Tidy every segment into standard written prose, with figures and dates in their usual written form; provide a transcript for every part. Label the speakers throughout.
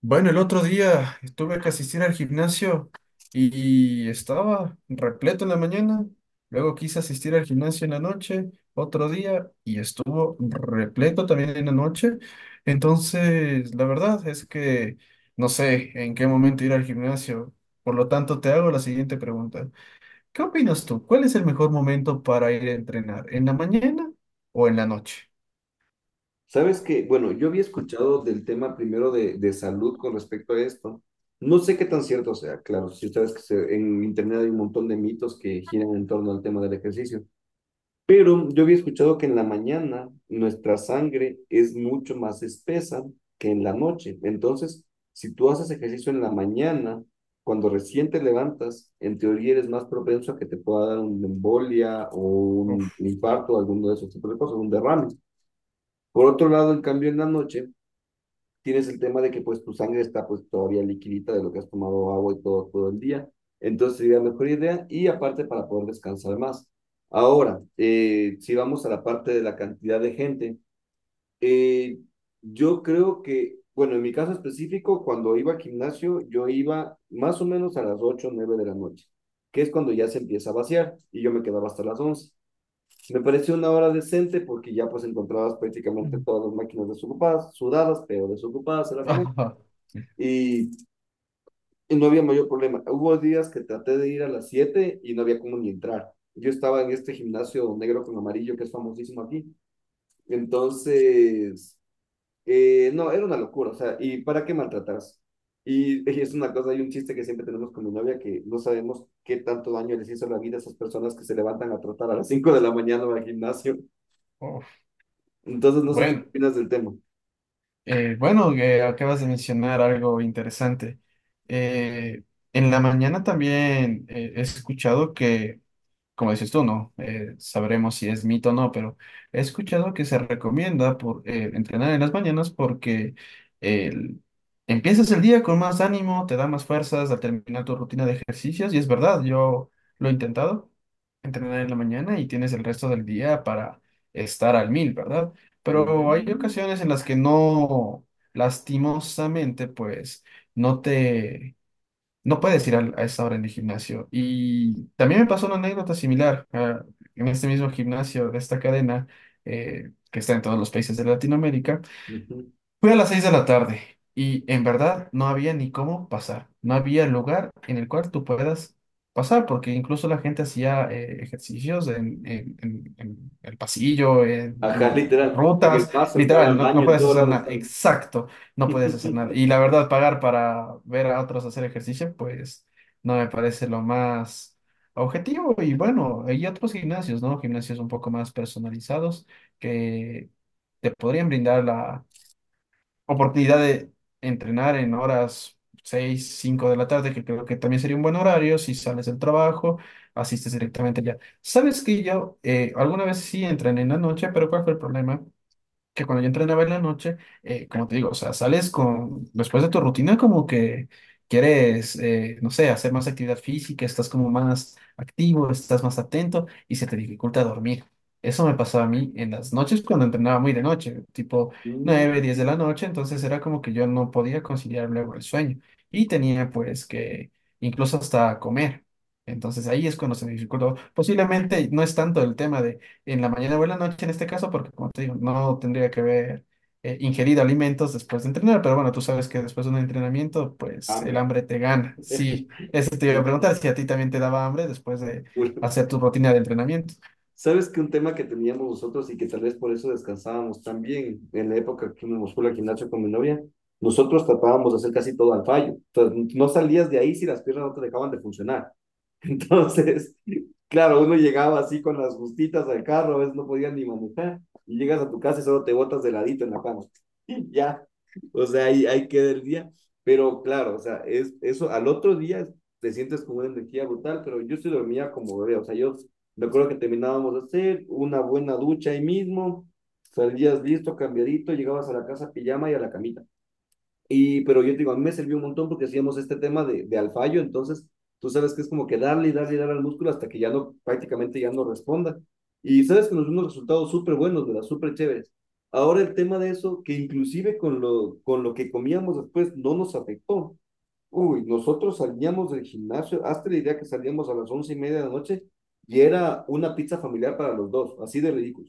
Speaker 1: Bueno, el otro día estuve que asistir al gimnasio y estaba repleto en la mañana. Luego quise asistir al gimnasio en la noche, otro día, y estuvo repleto también en la noche. Entonces, la verdad es que no sé en qué momento ir al gimnasio. Por lo tanto, te hago la siguiente pregunta. ¿Qué opinas tú? ¿Cuál es el mejor momento para ir a entrenar? ¿En la mañana o en la noche?
Speaker 2: Sabes que, bueno, yo había escuchado del tema primero de salud con respecto a esto. No sé qué tan cierto sea, claro, si sabes que en internet hay un montón de mitos que giran en torno al tema del ejercicio, pero yo había escuchado que en la mañana nuestra sangre es mucho más espesa que en la noche. Entonces, si tú haces ejercicio en la mañana, cuando recién te levantas, en teoría eres más propenso a que te pueda dar una embolia o un
Speaker 1: Uf.
Speaker 2: infarto, alguno de esos tipos de cosas, un derrame. Por otro lado, en cambio, en la noche tienes el tema de que pues tu sangre está pues todavía liquidita de lo que has tomado agua y todo el día. Entonces sería mejor idea y aparte para poder descansar más. Ahora, si vamos a la parte de la cantidad de gente, eh, yo creo que, bueno, en mi caso específico, cuando iba al gimnasio, yo iba más o menos a las 8 o 9 de la noche, que es cuando ya se empieza a vaciar y yo me quedaba hasta las 11. Me pareció una hora decente porque ya pues encontrabas prácticamente
Speaker 1: Mm.
Speaker 2: todas las máquinas desocupadas, sudadas, pero desocupadas a la final. Y, y no había mayor problema. Hubo días que traté de ir a las 7 y no había como ni entrar. Yo estaba en este gimnasio negro con amarillo que es famosísimo aquí. Entonces, no, era una locura. O sea, ¿y para qué maltratarse? Y, y es una cosa, hay un chiste que siempre tenemos con mi novia que no sabemos qué tanto daño les hizo la vida a esas personas que se levantan a trotar a las 5 de la mañana al gimnasio.
Speaker 1: Uf.
Speaker 2: Entonces, no sé tú qué
Speaker 1: Bueno.
Speaker 2: opinas del tema.
Speaker 1: Bueno, que acabas de mencionar algo interesante. Eh, en la mañana también he escuchado que como dices tú, ¿no? Sabremos si es mito o no, pero he escuchado que se recomienda por, entrenar en las mañanas porque el- empiezas el día con más ánimo, te da más fuerzas al terminar tu rutina de ejercicios y es verdad, yo lo he intentado, entrenar en la mañana y tienes el resto del día para estar al mil, ¿verdad? Pero hay
Speaker 2: Ujú,
Speaker 1: ocasiones en las que no, lastimosamente, pues no te no puedes ir a esa hora en el gimnasio. Y también me pasó una anécdota similar ah, en este mismo gimnasio de esta cadena que está en todos los países de Latinoamérica.
Speaker 2: ujú.
Speaker 1: Fui a las 6 de la tarde y en verdad no había ni cómo pasar. No había lugar en el cual tú puedas pasar, porque incluso la gente hacía ejercicios en el pasillo,
Speaker 2: Ajá,
Speaker 1: en las
Speaker 2: literal. En el
Speaker 1: rutas.
Speaker 2: paso, entrar
Speaker 1: Literal,
Speaker 2: al
Speaker 1: no
Speaker 2: baño, en
Speaker 1: puedes
Speaker 2: todo
Speaker 1: hacer
Speaker 2: lado
Speaker 1: nada.
Speaker 2: están.
Speaker 1: Exacto, no puedes hacer nada. Y la verdad, pagar para ver a otros hacer ejercicio, pues no me parece lo más objetivo. Y bueno, hay otros gimnasios, ¿no? Gimnasios un poco más personalizados que te podrían brindar la oportunidad de entrenar en horas 6 5 de la tarde, que creo que también sería un buen horario, si sales del trabajo, asistes directamente ya. Sabes que yo alguna vez sí entrené en la noche, pero ¿cuál fue el problema? Que cuando yo entrenaba en la noche, como te digo, o sea, sales con, después de tu rutina como que quieres, no sé, hacer más actividad física, estás como más activo, estás más atento y se te dificulta dormir. Eso me pasaba a mí en las noches cuando entrenaba muy de noche, tipo
Speaker 2: Mm.
Speaker 1: 9, 10 de la noche, entonces era como que yo no podía conciliar luego el sueño y tenía pues que incluso hasta comer. Entonces ahí es cuando se me dificultó. Posiblemente no es tanto el tema de en la mañana o en la noche en este caso, porque como te digo, no tendría que haber ingerido alimentos después de entrenar, pero bueno, tú sabes que después de un entrenamiento, pues el
Speaker 2: Hambre.
Speaker 1: hambre te gana. Sí, eso te iba a preguntar,
Speaker 2: Literal.
Speaker 1: si a ti también te daba hambre después de hacer tu rutina de entrenamiento.
Speaker 2: ¿Sabes que un tema que teníamos nosotros y que tal vez por eso descansábamos tan bien en la época que me fue al gimnasio con mi novia? Nosotros tratábamos de hacer casi todo al fallo. Entonces, no salías de ahí si las piernas no te dejaban de funcionar. Entonces, claro, uno llegaba así con las justitas al carro, a veces no podía ni manejar, y llegas a tu casa y solo te botas de ladito en la cama. Y ya, o sea, ahí queda el día. Pero claro, o sea, es, eso al otro día te sientes con una energía brutal, pero yo sí dormía como bebé, o sea, yo me acuerdo que terminábamos de hacer una buena ducha ahí mismo, salías listo, cambiadito, llegabas a la casa pijama y a la camita. Y, pero yo te digo, a mí me sirvió un montón porque hacíamos este tema de al fallo, entonces tú sabes que es como que darle y darle y darle al músculo hasta que ya no, prácticamente ya no responda. Y sabes que nos dio unos resultados súper buenos, ¿verdad? Súper chéveres. Ahora el tema de eso, que inclusive con lo que comíamos después no nos afectó. Uy, nosotros salíamos del gimnasio, hasta la idea que salíamos a las 11:30 de la noche y era una pizza familiar para los dos, así de ridículo.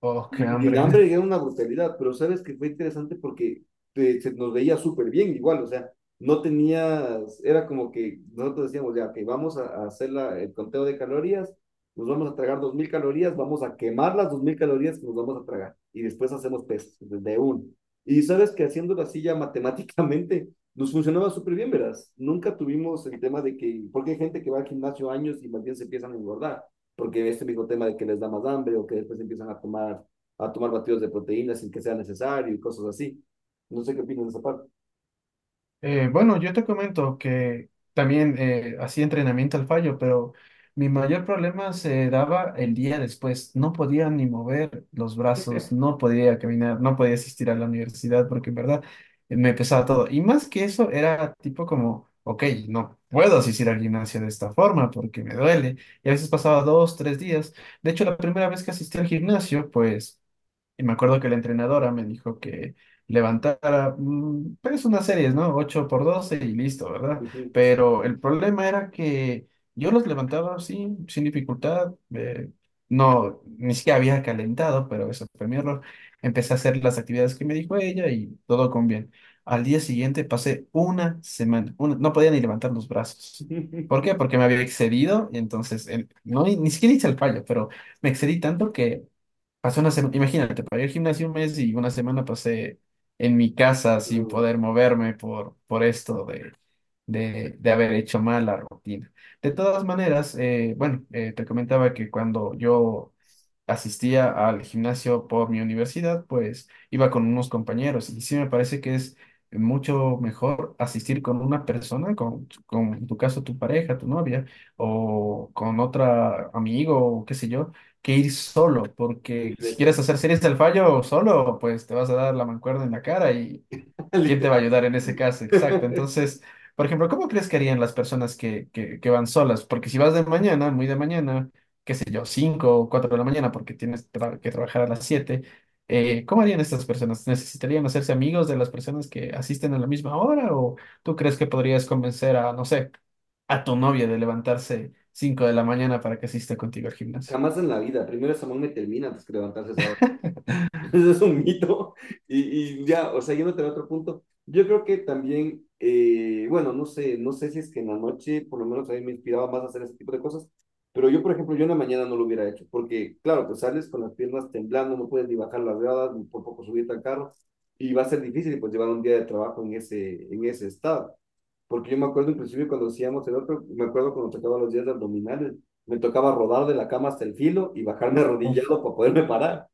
Speaker 1: Oh, qué
Speaker 2: Y el hambre
Speaker 1: hambre.
Speaker 2: era una brutalidad, pero sabes que fue interesante porque se nos veía súper bien igual, o sea, no tenías, era como que nosotros decíamos, ya, que vamos a hacer el conteo de calorías, nos vamos a tragar 2000 calorías, vamos a quemar las 2000 calorías que nos vamos a tragar y después hacemos pesas desde uno. Y sabes que haciéndolo así ya matemáticamente nos funcionaba súper bien, verás. Nunca tuvimos el tema de que, porque hay gente que va al gimnasio años y más bien se empiezan a engordar porque este mismo tema de que les da más hambre o que después empiezan a tomar batidos de proteínas sin que sea necesario y cosas así. No sé qué opinan de esa parte.
Speaker 1: Bueno, yo te comento que también hacía entrenamiento al fallo, pero mi mayor problema se daba el día después. No podía ni mover los brazos, no podía caminar, no podía asistir a la universidad porque en verdad me pesaba todo. Y más que eso, era tipo como, ok, no puedo asistir al gimnasio de esta forma porque me duele. Y a veces pasaba 2, 3 días. De hecho, la primera vez que asistí al gimnasio, pues... y me acuerdo que la entrenadora me dijo que levantara, mm, pues unas series, ¿no? 8 por 12 y listo, ¿verdad? Pero el problema era que yo los levantaba así, sin dificultad. No, ni siquiera había calentado, pero eso fue mi error. Empecé a hacer las actividades que me dijo ella y todo con bien. Al día siguiente pasé una semana, no podía ni levantar los brazos. ¿Por qué? Porque me había excedido y entonces, ni siquiera hice el fallo, pero me excedí tanto que pasé una semana, imagínate, para ir al gimnasio un mes y una semana pasé en mi casa sin poder moverme por esto de haber hecho mal la rutina. De todas maneras, te comentaba que cuando yo asistía al gimnasio por mi universidad, pues iba con unos compañeros y sí me parece que es mucho mejor asistir con una persona, con en tu caso tu pareja, tu novia o con otra amigo o qué sé yo, que ir solo, porque
Speaker 2: Mil
Speaker 1: si
Speaker 2: veces.
Speaker 1: quieres hacer series del fallo solo, pues te vas a dar la mancuerna en la cara y ¿quién te va a
Speaker 2: Literal.
Speaker 1: ayudar en ese caso? Exacto, entonces... Por ejemplo, ¿cómo crees que harían las personas que van solas? Porque si vas de mañana, muy de mañana, qué sé yo, 5 o 4 de la mañana porque tienes que trabajar a las 7, ¿cómo harían estas personas? ¿Necesitarían hacerse amigos de las personas que asisten a la misma hora? ¿O tú crees que podrías convencer a, no sé, a tu novia de levantarse 5 de la mañana para que asista contigo al gimnasio?
Speaker 2: Jamás en la vida. Primero Samuel me termina antes que levantarse esa hora. Eso es un mito. Y ya, o sea, yéndote a otro punto, yo creo que también, bueno, no sé, no sé si es que en la noche, por lo menos a mí me inspiraba más a hacer ese tipo de cosas, pero yo, por ejemplo, yo en la mañana no lo hubiera hecho, porque, claro, pues sales con las piernas temblando, no puedes ni bajar las gradas, ni por poco subirte al carro, y va a ser difícil, pues, llevar un día de trabajo en ese estado. Porque yo me acuerdo, inclusive, cuando hacíamos el otro, me acuerdo cuando tocaba los días de abdominales, me tocaba rodar de la cama hasta el filo y bajarme
Speaker 1: Uf,
Speaker 2: arrodillado para poderme parar.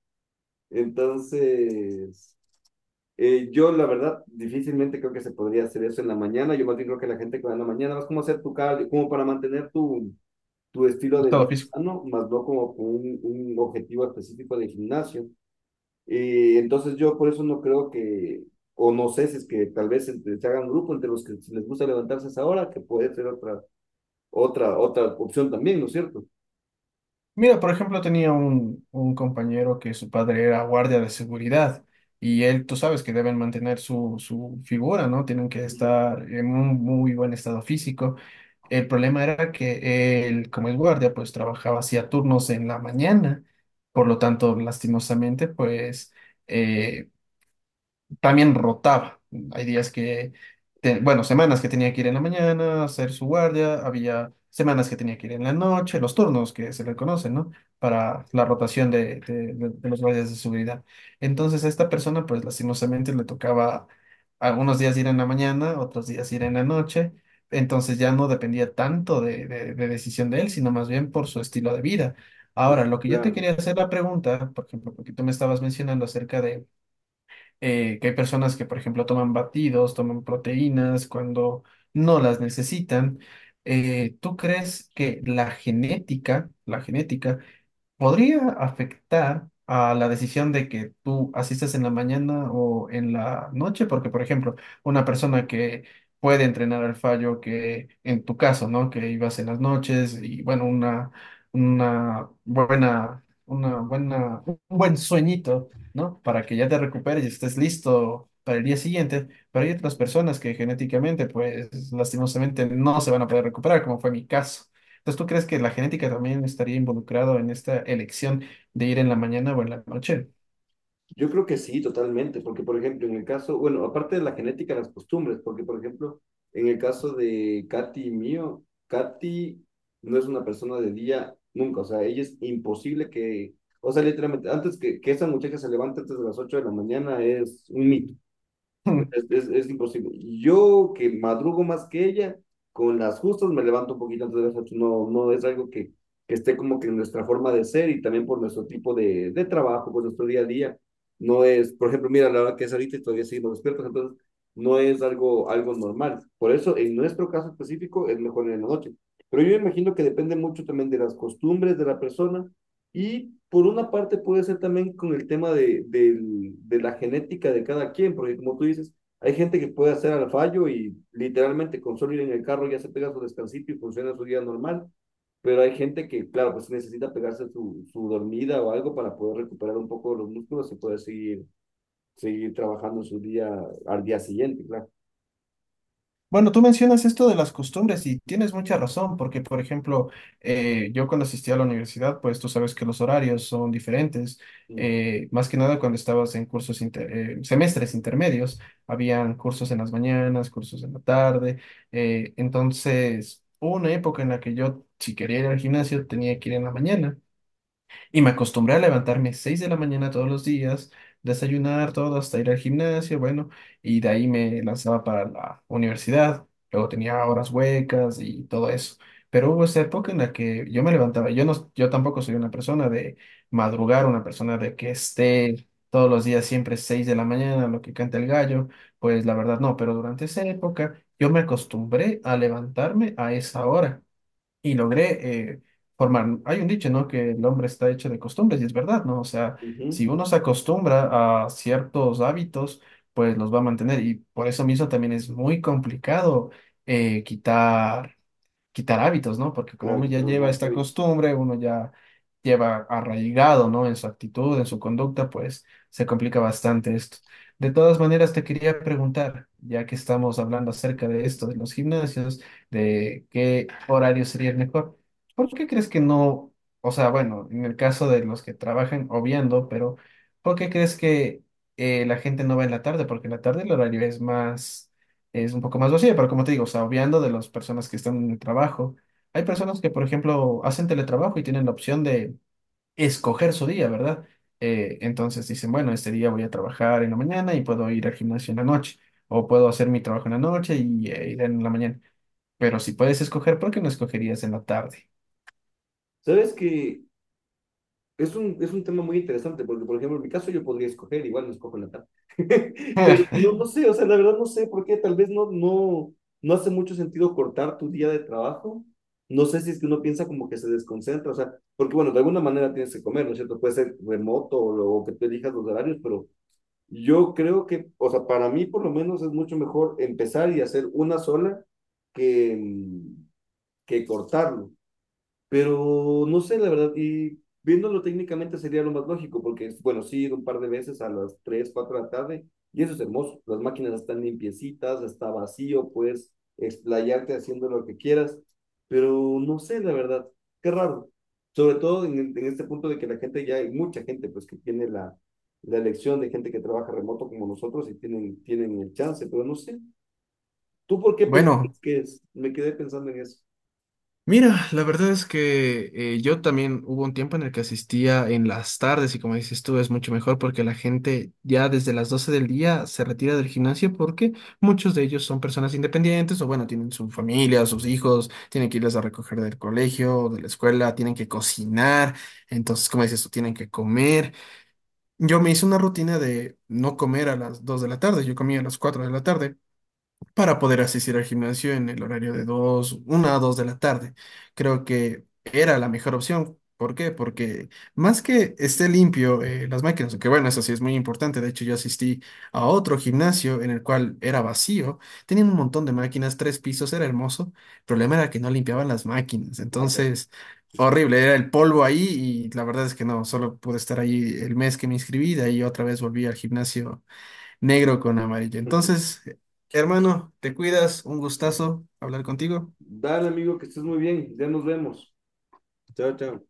Speaker 2: Entonces, yo la verdad difícilmente creo que se podría hacer eso en la mañana. Yo más bien creo que la gente que va en la mañana vas como a hacer tu cardio, como para mantener tu estilo de
Speaker 1: todo.
Speaker 2: vida sano, más no como con un objetivo específico de gimnasio. Entonces yo por eso no creo que, o no sé si es que tal vez se hagan grupo entre los que si les gusta levantarse a esa hora, que puede ser otra opción también, ¿no es cierto?
Speaker 1: Mira, por ejemplo, tenía un compañero que su padre era guardia de seguridad y él, tú sabes que deben mantener su figura, ¿no? Tienen que
Speaker 2: Ujú.
Speaker 1: estar en un muy buen estado físico. El problema era que él, como es guardia, pues trabajaba hacía turnos en la mañana, por lo tanto, lastimosamente, pues eh, también rotaba. Hay días que, bueno, semanas que tenía que ir en la mañana, hacer su guardia, había semanas que tenía que ir en la noche, los turnos que se le conocen, ¿no? Para la rotación de los guardias de seguridad. Entonces a esta persona, pues lastimosamente le tocaba algunos días ir en la mañana, otros días ir en la noche. Entonces ya no dependía tanto de decisión de él, sino más bien por su estilo de vida. Ahora, lo que yo te
Speaker 2: Claro.
Speaker 1: quería hacer la pregunta, por ejemplo, porque tú me estabas mencionando acerca de que hay personas que, por ejemplo, toman batidos, toman proteínas cuando no las necesitan. ¿Tú crees que la genética podría afectar a la decisión de que tú asistas en la mañana o en la noche, porque, por ejemplo, una persona que puede entrenar al fallo, que en tu caso, ¿no? Que ibas en las noches y, bueno, una buena, un buen sueñito, ¿no? Para que ya te recuperes y estés listo para el día siguiente, pero hay otras personas que genéticamente, pues lastimosamente no se van a poder recuperar, como fue mi caso. Entonces, ¿tú crees que la genética también estaría involucrado en esta elección de ir en la mañana o en la noche?
Speaker 2: Yo creo que sí, totalmente, porque por ejemplo, en el caso, bueno, aparte de la genética, las costumbres, porque por ejemplo, en el caso de Katy y mío, Katy no es una persona de día nunca, o sea, ella es imposible que, o sea, literalmente, antes que esa muchacha se levante antes de las 8 de la mañana es un mito,
Speaker 1: Hmm.
Speaker 2: es, es imposible. Yo que madrugo más que ella, con las justas me levanto un poquito antes de las 8. No, no es algo que esté como que en nuestra forma de ser y también por nuestro tipo de trabajo, por nuestro día a día. No es, por ejemplo, mira la hora que es ahorita y todavía seguimos despiertos, entonces no es algo, algo normal. Por eso, en nuestro caso específico, es mejor en la noche. Pero yo imagino que depende mucho también de las costumbres de la persona y por una parte puede ser también con el tema de la genética de cada quien, porque como tú dices, hay gente que puede hacer al fallo y literalmente con solo ir en el carro ya se pega su descansito y funciona su día normal, pero hay gente que, claro, pues necesita pegarse su, su dormida o algo para poder recuperar un poco los músculos y poder seguir, seguir trabajando su día al día siguiente, claro.
Speaker 1: Bueno, tú mencionas esto de las costumbres y tienes mucha razón, porque, por ejemplo, yo cuando asistí a la universidad, pues tú sabes que los horarios son diferentes.
Speaker 2: Ujú,
Speaker 1: Más que nada cuando estabas en cursos, semestres intermedios, habían cursos en las mañanas, cursos en la tarde. Entonces, hubo una época en la que yo, si quería ir al gimnasio, tenía que ir en la mañana. Y me acostumbré a levantarme 6 de la mañana todos los días, desayunar todo, hasta ir al gimnasio, bueno, y de ahí me lanzaba para la universidad. Luego tenía horas huecas y todo eso. Pero hubo esa época en la que yo me levantaba. Yo tampoco soy una persona de madrugar, una persona de que esté todos los días siempre 6 de la mañana, lo que canta el gallo. Pues la verdad no, pero durante esa época yo me acostumbré a levantarme a esa hora y logré eh, formar. Hay un dicho, ¿no? Que el hombre está hecho de costumbres y es verdad, ¿no? O sea, si
Speaker 2: ujú,
Speaker 1: uno se acostumbra a ciertos hábitos, pues los va a mantener y por eso mismo también es muy complicado eh, quitar quitar hábitos, ¿no? Porque como
Speaker 2: Claro,
Speaker 1: uno ya
Speaker 2: quitar los
Speaker 1: lleva
Speaker 2: malos
Speaker 1: esta
Speaker 2: hábitos.
Speaker 1: costumbre, uno ya lleva arraigado, ¿no? En su actitud, en su conducta, pues se complica bastante esto. De todas maneras, te quería preguntar, ya que estamos hablando acerca de esto, de los gimnasios, de qué horario sería el mejor, ¿por qué crees que no, o sea, bueno, en el caso de los que trabajan, obviando, pero ¿por qué crees que la gente no va en la tarde? Porque en la tarde el horario es más, es un poco más vacía, pero como te digo, o sea, obviando de las personas que están en el trabajo, hay personas que, por ejemplo, hacen teletrabajo y tienen la opción de escoger su día, ¿verdad? Entonces dicen, bueno, este día voy a trabajar en la mañana y puedo ir al gimnasio en la noche, o puedo hacer mi trabajo en la noche y ir en la mañana. Pero si puedes escoger, ¿por qué no escogerías en la tarde?
Speaker 2: ¿Sabes que es un tema muy interesante, porque por ejemplo, en mi caso yo podría escoger, igual no escojo la tarde, pero no, no sé, o sea, la verdad no sé por qué, tal vez no hace mucho sentido cortar tu día de trabajo, no sé si es que uno piensa como que se desconcentra, o sea, porque bueno, de alguna manera tienes que comer, ¿no es cierto? Puede ser remoto o, o que tú elijas los horarios, pero yo creo que, o sea, para mí por lo menos es mucho mejor empezar y hacer una sola que, que cortarlo. Pero no sé, la verdad, y viéndolo técnicamente sería lo más lógico, porque, bueno, sí, he ido un par de veces a las 3 4 de la tarde, y eso es hermoso. Las máquinas están limpiecitas, está vacío, puedes explayarte haciendo lo que quieras, pero no sé, la verdad, qué raro. Sobre todo en, en este punto de que la gente, ya hay mucha gente, pues, que tiene la, la elección de gente que trabaja remoto como nosotros y tienen, tienen el chance, pero no sé. ¿Tú por qué piensas
Speaker 1: Bueno,
Speaker 2: que es? Me quedé pensando en eso.
Speaker 1: mira, la verdad es que yo también hubo un tiempo en el que asistía en las tardes y como dices tú es mucho mejor porque la gente ya desde las 12 del día se retira del gimnasio porque muchos de ellos son personas independientes o bueno, tienen su familia, sus hijos, tienen que irles a recoger del colegio, o de la escuela, tienen que cocinar, entonces como dices tú tienen que comer. Yo me hice una rutina de no comer a las 2 de la tarde, yo comía a las 4 de la tarde para poder asistir al gimnasio en el horario de dos 1 a 2 de la tarde. Creo que era la mejor opción. ¿Por qué? Porque más que esté limpio las máquinas, que bueno, eso sí es muy importante. De hecho, yo asistí a otro gimnasio en el cual era vacío, tenían un montón de máquinas, tres pisos, era hermoso. El problema era que no limpiaban las máquinas.
Speaker 2: Ah, qué-
Speaker 1: Entonces, horrible, era el polvo ahí y la verdad es que no, solo pude estar ahí el mes que me inscribí, de ahí otra vez volví al gimnasio negro con amarillo. Entonces, hermano, te cuidas, un gustazo hablar contigo.
Speaker 2: Dale, amigo, que estés muy bien. Ya nos vemos. Chao, chao.